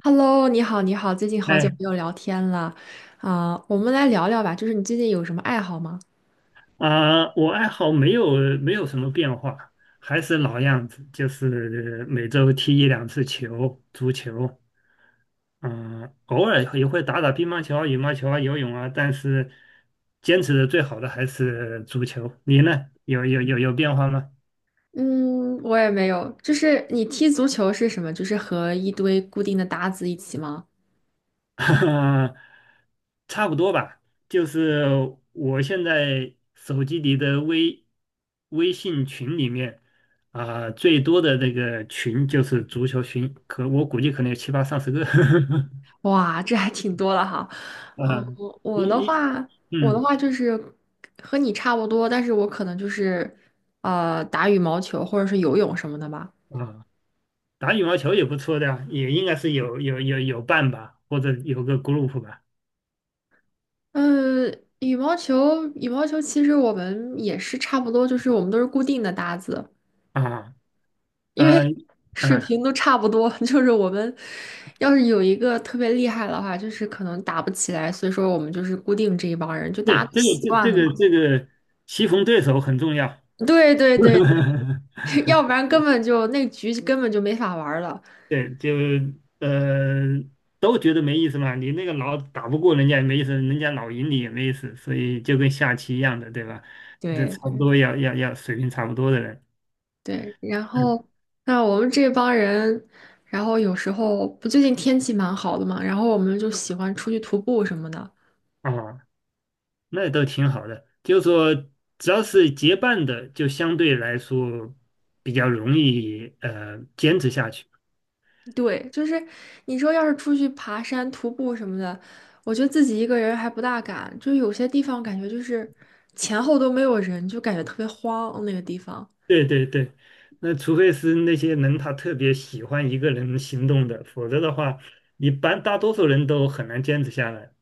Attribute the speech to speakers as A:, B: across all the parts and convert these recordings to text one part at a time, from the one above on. A: Hello，你好，你好，最近好久没
B: 哎，
A: 有聊天了，我们来聊聊吧，就是你最近有什么爱好吗？
B: 啊，我爱好没有没有什么变化，还是老样子，就是每周踢一两次球，足球。嗯，偶尔也会打打乒乓球啊、羽毛球啊、游泳啊，但是坚持的最好的还是足球。你呢？有变化吗？
A: 嗯，我也没有，就是你踢足球是什么？就是和一堆固定的搭子一起吗？
B: 差不多吧，就是我现在手机里的微信群里面啊、最多的那个群就是足球群，可我估计可能有七八上十个。
A: 哇，这还挺多了哈。嗯，
B: 啊，一
A: 我的
B: 你
A: 话，我的
B: 嗯
A: 话就是和你差不多，但是我可能就是打羽毛球或者是游泳什么的吧。
B: 啊，打羽毛球也不错的啊，也应该是有伴吧，或者有个 group 吧。
A: 嗯，羽毛球，羽毛球其实我们也是差不多，就是我们都是固定的搭子。
B: 啊
A: 因为
B: 啊
A: 水
B: 啊，
A: 平都差不多，就是我们要是有一个特别厉害的话，就是可能打不起来，所以说我们就是固定这一帮人，就大家
B: 对，
A: 都
B: 这个
A: 习
B: 这
A: 惯
B: 这
A: 了
B: 个
A: 嘛。
B: 这个棋逢对手很重要。
A: 对对对，对 要 不然根本就那局根本就没法玩儿了。
B: 对，呃都觉得没意思嘛。你那个老打不过人家也没意思，人家老赢你也没意思，所以就跟下棋一样的，对吧？这差不
A: 对
B: 多要水平差不多的人，
A: 对，然
B: 嗯
A: 后那我们这帮人，然后有时候不最近天气蛮好的嘛，然后我们就喜欢出去徒步什么的。
B: 啊，那都挺好的。就是说，只要是结伴的，就相对来说比较容易坚持下去。
A: 对，就是你说要是出去爬山、徒步什么的，我觉得自己一个人还不大敢，就有些地方感觉就是前后都没有人，就感觉特别慌。那个地方。
B: 对对对，那除非是那些人他特别喜欢一个人行动的，否则的话，一般大多数人都很难坚持下来。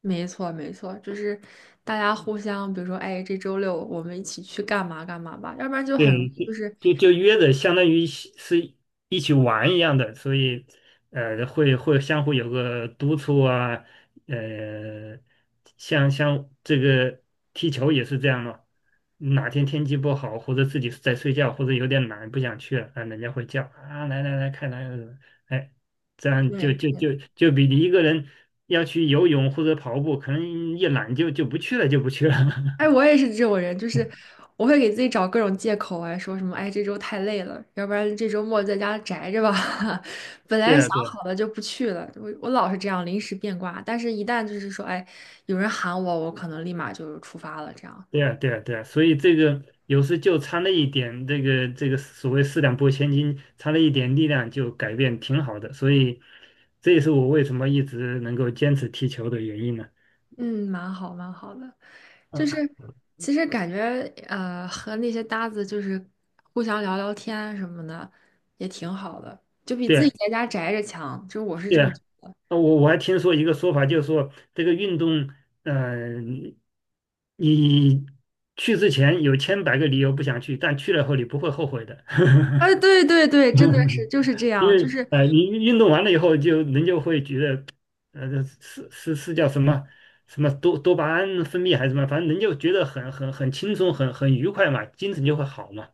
A: 没错，没错，就是大家互相，比如说，哎，这周六我们一起去干嘛干嘛吧，要不然就很容易就
B: 对，
A: 是
B: 就约着，相当于是一起玩一样的，所以会相互有个督促啊，呃，像这个踢球也是这样嘛，哪天天气不好，或者自己在睡觉，或者有点懒不想去了，啊，人家会叫啊，来来来，看来，哎，这样就
A: 对。
B: 就就就比你一个人要去游泳或者跑步，可能一懒就不去了，就不去了。
A: 哎，我也是这种人，就是我会给自己找各种借口啊，说什么哎这周太累了，要不然这周末在家宅着吧。本
B: 对
A: 来想
B: 啊，对啊。
A: 好了就不去了，我老是这样临时变卦，但是一旦就是说哎有人喊我，我可能立马就出发了，这样，
B: 对啊，对啊，对啊，所以这个有时就差那一点，这个所谓四两拨千斤，差那一点力量就改变挺好的，所以这也是我为什么一直能够坚持踢球的原因呢。
A: 嗯，蛮好蛮好的，就是
B: 啊，
A: 其实感觉和那些搭子就是互相聊聊天什么的也挺好的，就比
B: 对
A: 自己
B: 啊，
A: 在家宅着强，就是我是
B: 对
A: 这么觉
B: 啊，
A: 得。
B: 我还听说一个说法，就是说这个运动，嗯、你去之前有千百个理由不想去，但去了后你不会后悔的。
A: 哎，对对对，真的是就是这
B: 因
A: 样，就
B: 为
A: 是
B: 你运动完了以后就，人就会觉得，这是叫什么什么多巴胺分泌还是什么，反正人就觉得很轻松，很愉快嘛，精神就会好嘛。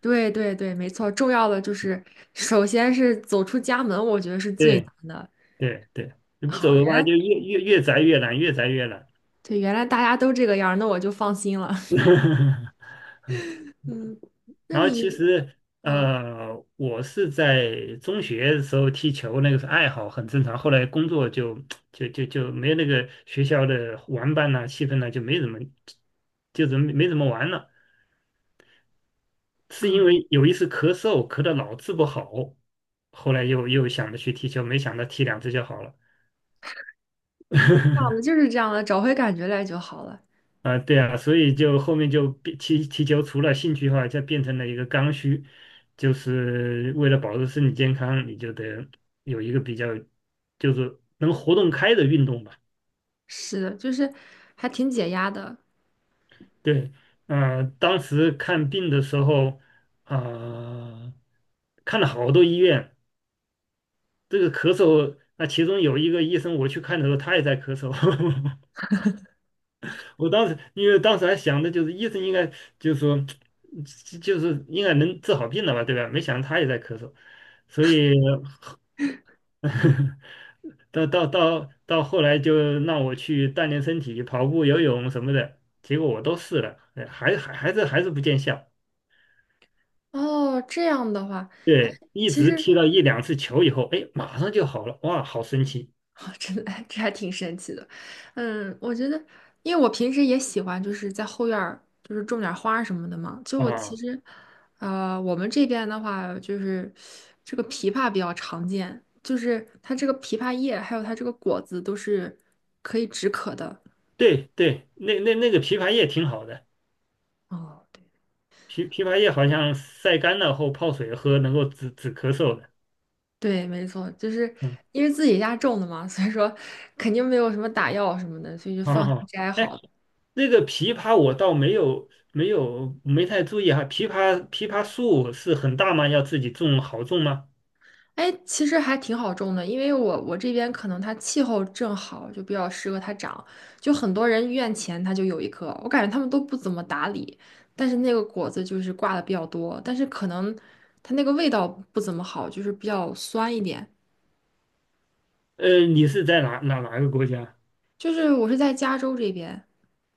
A: 对对对，没错。重要的就是，首先是走出家门，我觉得是最
B: 对
A: 难的。
B: 对对，你不走
A: 好，
B: 的
A: 原
B: 话就
A: 来
B: 越宅越懒，越宅越懒。
A: 对，原来大家都这个样儿，那我就放心了。嗯，那
B: 然后其
A: 你
B: 实
A: 啊
B: 我是在中学的时候踢球，那个是爱好，很正常。后来工作就没有那个学校的玩伴呐、气氛呐、就没怎么，就怎么没怎么玩了。是因
A: 啊，
B: 为有一次咳嗽，咳得老治不好，后来又想着去踢球，没想到踢两次就好了。
A: 我们就是这样的，找回感觉来就好了。
B: 啊、对啊，所以就后面就变踢踢球，除了兴趣的话，就变成了一个刚需，就是为了保持身体健康，你就得有一个比较就是能活动开的运动吧。
A: 是的，就是还挺解压的。
B: 对，啊，当时看病的时候，啊、看了好多医院，这个咳嗽，那其中有一个医生我去看的时候，他也在咳嗽。我当时因为当时还想的就是医生应该就是说就是应该能治好病的吧，对吧？没想到他也在咳嗽，所以 到后来就让我去锻炼身体，跑步、游泳什么的，结果我都试了，哎还是不见效。
A: 哦，这样的话。
B: 对，一直踢了一两次球以后，哎，马上就好了，哇，好神奇
A: 哦，真的，这还挺神奇的。嗯，我觉得，因为我平时也喜欢，就是在后院儿，就是种点儿花儿什么的嘛。就我其
B: 啊！
A: 实，我们这边的话，就是这个枇杷比较常见，就是它这个枇杷叶还有它这个果子都是，
B: 对对，那个枇杷叶挺好的。
A: 哦，对，
B: 枇杷叶好像晒干了后泡水喝，能够止咳嗽的。
A: 对，没错，就是
B: 嗯，
A: 因为自己家种的嘛，所以说肯定没有什么打药什么的，所以就
B: 好
A: 放
B: 好
A: 心
B: 好。
A: 摘
B: 哎，
A: 好。
B: 那个枇杷我倒没有没有没太注意哈。枇杷树是很大吗？要自己种好种吗？
A: 哎，其实还挺好种的，因为我这边可能它气候正好，就比较适合它长。就很多人院前它就有一棵，我感觉他们都不怎么打理，但是那个果子就是挂的比较多，但是可能它那个味道不怎么好，就是比较酸一点。
B: 你是在哪个国家？
A: 就是我是在加州这边，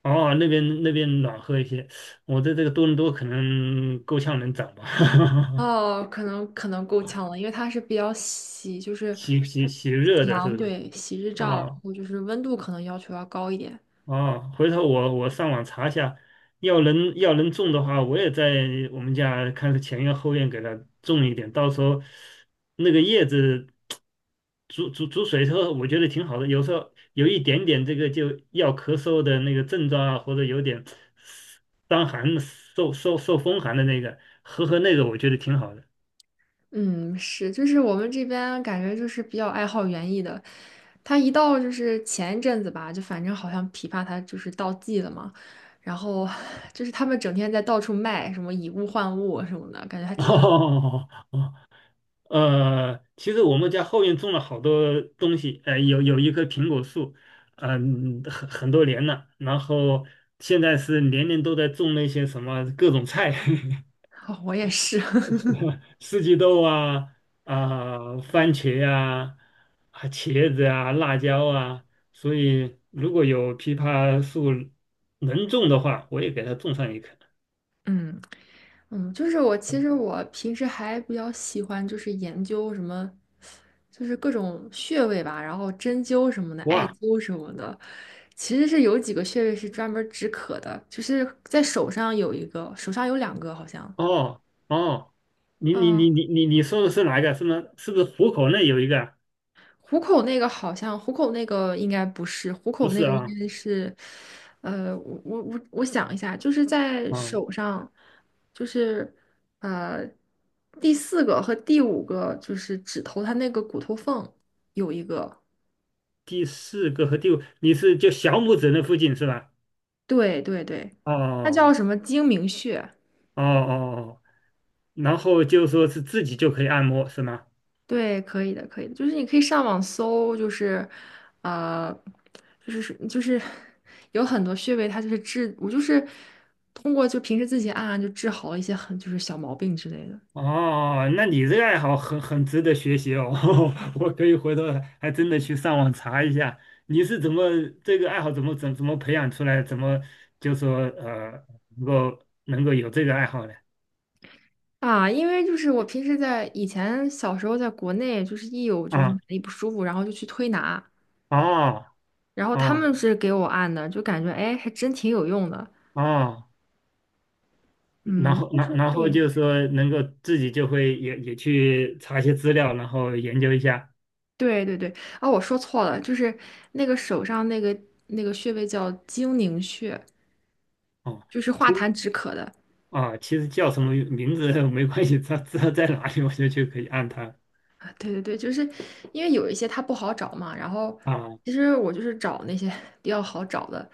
B: 哦，那边那边暖和一些。我在这个多伦多可能够呛能长吧，
A: 哦，可能够呛了，因为它是比较喜，就是
B: 喜
A: 它
B: 喜喜热
A: 喜
B: 的是
A: 阳，
B: 不是？
A: 对，喜日照，然
B: 啊、
A: 后就是温度可能要求要高一点。
B: 哦，回头我上网查一下，要能种的话，我也在我们家看是前院后院给它种一点，到时候那个叶子煮煮水之后，我觉得挺好的。有时候有一点点这个就要咳嗽的那个症状啊，或者有点伤寒、受风寒的那个，喝喝那个，我觉得挺好的。
A: 嗯，是，就是我们这边感觉就是比较爱好园艺的，他一到就是前一阵子吧，就反正好像枇杷它就是到季了嘛，然后就是他们整天在到处卖什么以物换物什么的，感觉还 挺
B: 哦，其实我们家后院种了好多东西，有一棵苹果树，很多年了，然后现在是年年都在种那些什么各种菜，
A: 哦我也是，
B: 四季豆啊，啊、番茄啊，啊茄子啊，辣椒啊，所以如果有枇杷树能种的话，我也给它种上一棵。
A: 嗯，嗯，就是我其实平时还比较喜欢就是研究什么，就是各种穴位吧，然后针灸什么的，艾
B: 哇，
A: 灸什么的。其实是有几个穴位是专门止渴的，就是在手上有一个，手上有两个好像。
B: 哦哦，你说的是哪一个？是吗？是不是虎口那有一个啊
A: 虎口那个应该不是，虎
B: 不
A: 口那
B: 是
A: 个应
B: 啊，
A: 该是，我想一下，就是在
B: 嗯，
A: 手上，就是呃第四个和第五个就是指头，它那个骨头缝有一个，
B: 第四个和第五，你是就小拇指那附近是吧？
A: 对对对，它叫
B: 哦
A: 什么睛明穴。
B: 哦哦，哦，然后就说是自己就可以按摩是吗？
A: 对，可以的，可以的，就是你可以上网搜，就是，呃，就是有很多穴位，它就是治，我就是通过就平时自己按按就治好了一些很就是小毛病之类的
B: 哦，那你这个爱好很值得学习哦，我可以回头还真的去上网查一下，你是怎么这个爱好怎么培养出来，怎么就说能够有这个爱好的
A: 啊。因为就是我平时在以前小时候在国内，就是一有就是
B: 啊？
A: 哪里不舒服，然后就去推拿，
B: 哦
A: 然后他
B: 哦
A: 们是给我按的，就感觉哎还真挺有用的，
B: 哦。然
A: 嗯，
B: 后，
A: 就
B: 然
A: 是
B: 然后就
A: 对。
B: 是说能够自己就会也去查一些资料，然后研究一下。
A: 对对对，啊，我说错了，就是那个手上那个那个穴位叫睛宁穴，
B: 哦，
A: 就是化
B: 其
A: 痰止渴的。
B: 其实叫什么名字 没关系，它知道在哪里我就去可以按它
A: 啊对对对，就是因为有一些它不好找嘛，然后
B: 啊。
A: 其实我就是找那些 比较好找的，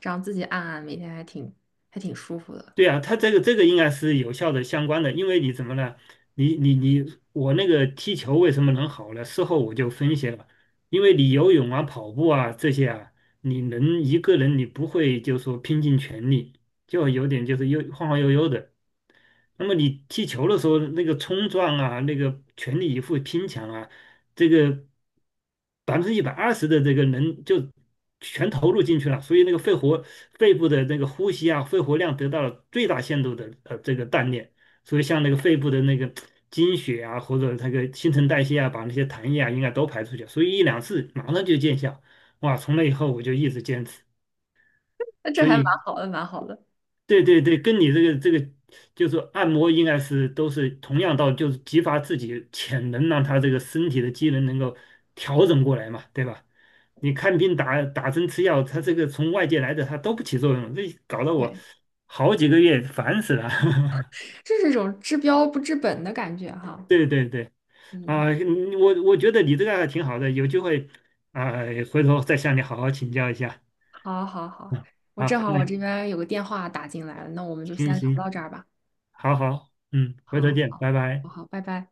A: 这样自己按按，每天还挺还挺舒服的。
B: 对啊，他这个应该是有效的相关的，因为你怎么了？你你你，我那个踢球为什么能好呢？事后我就分析了，因为你游泳啊、跑步啊这些啊，你能一个人你不会就说拼尽全力，就有点就是悠晃晃悠悠的。那么你踢球的时候，那个冲撞啊，那个全力以赴拼抢啊，这个120%的这个能就全投入进去了，所以那个肺部的那个呼吸啊，肺活量得到了最大限度的这个锻炼，所以像那个肺部的那个经血啊，或者那个新陈代谢啊，把那些痰液啊应该都排出去，所以一两次马上就见效，哇！从那以后我就一直坚持，
A: 那这
B: 所
A: 还蛮
B: 以
A: 好的，蛮好的。
B: 对对对，跟你这个就是按摩应该是都是同样道理，就是激发自己潜能，让他这个身体的机能能够调整过来嘛，对吧？你看病打打针吃药，他这个从外界来的他都不起作用，这搞得我
A: 对，
B: 好几个月烦死了。
A: 这是一种治标不治本的感觉哈。
B: 对对对，
A: 嗯，
B: 啊，嗯我觉得你这个还挺好的，有机会啊，回头再向你好好请教一下。
A: 好，好，好，我正
B: 啊，
A: 好
B: 那
A: 我这边有个电话打进来了，那我们就
B: 行
A: 先聊到
B: 行，
A: 这儿吧。
B: 好好，嗯，回头
A: 好，
B: 见，
A: 好，
B: 拜
A: 好，
B: 拜。
A: 好，拜拜。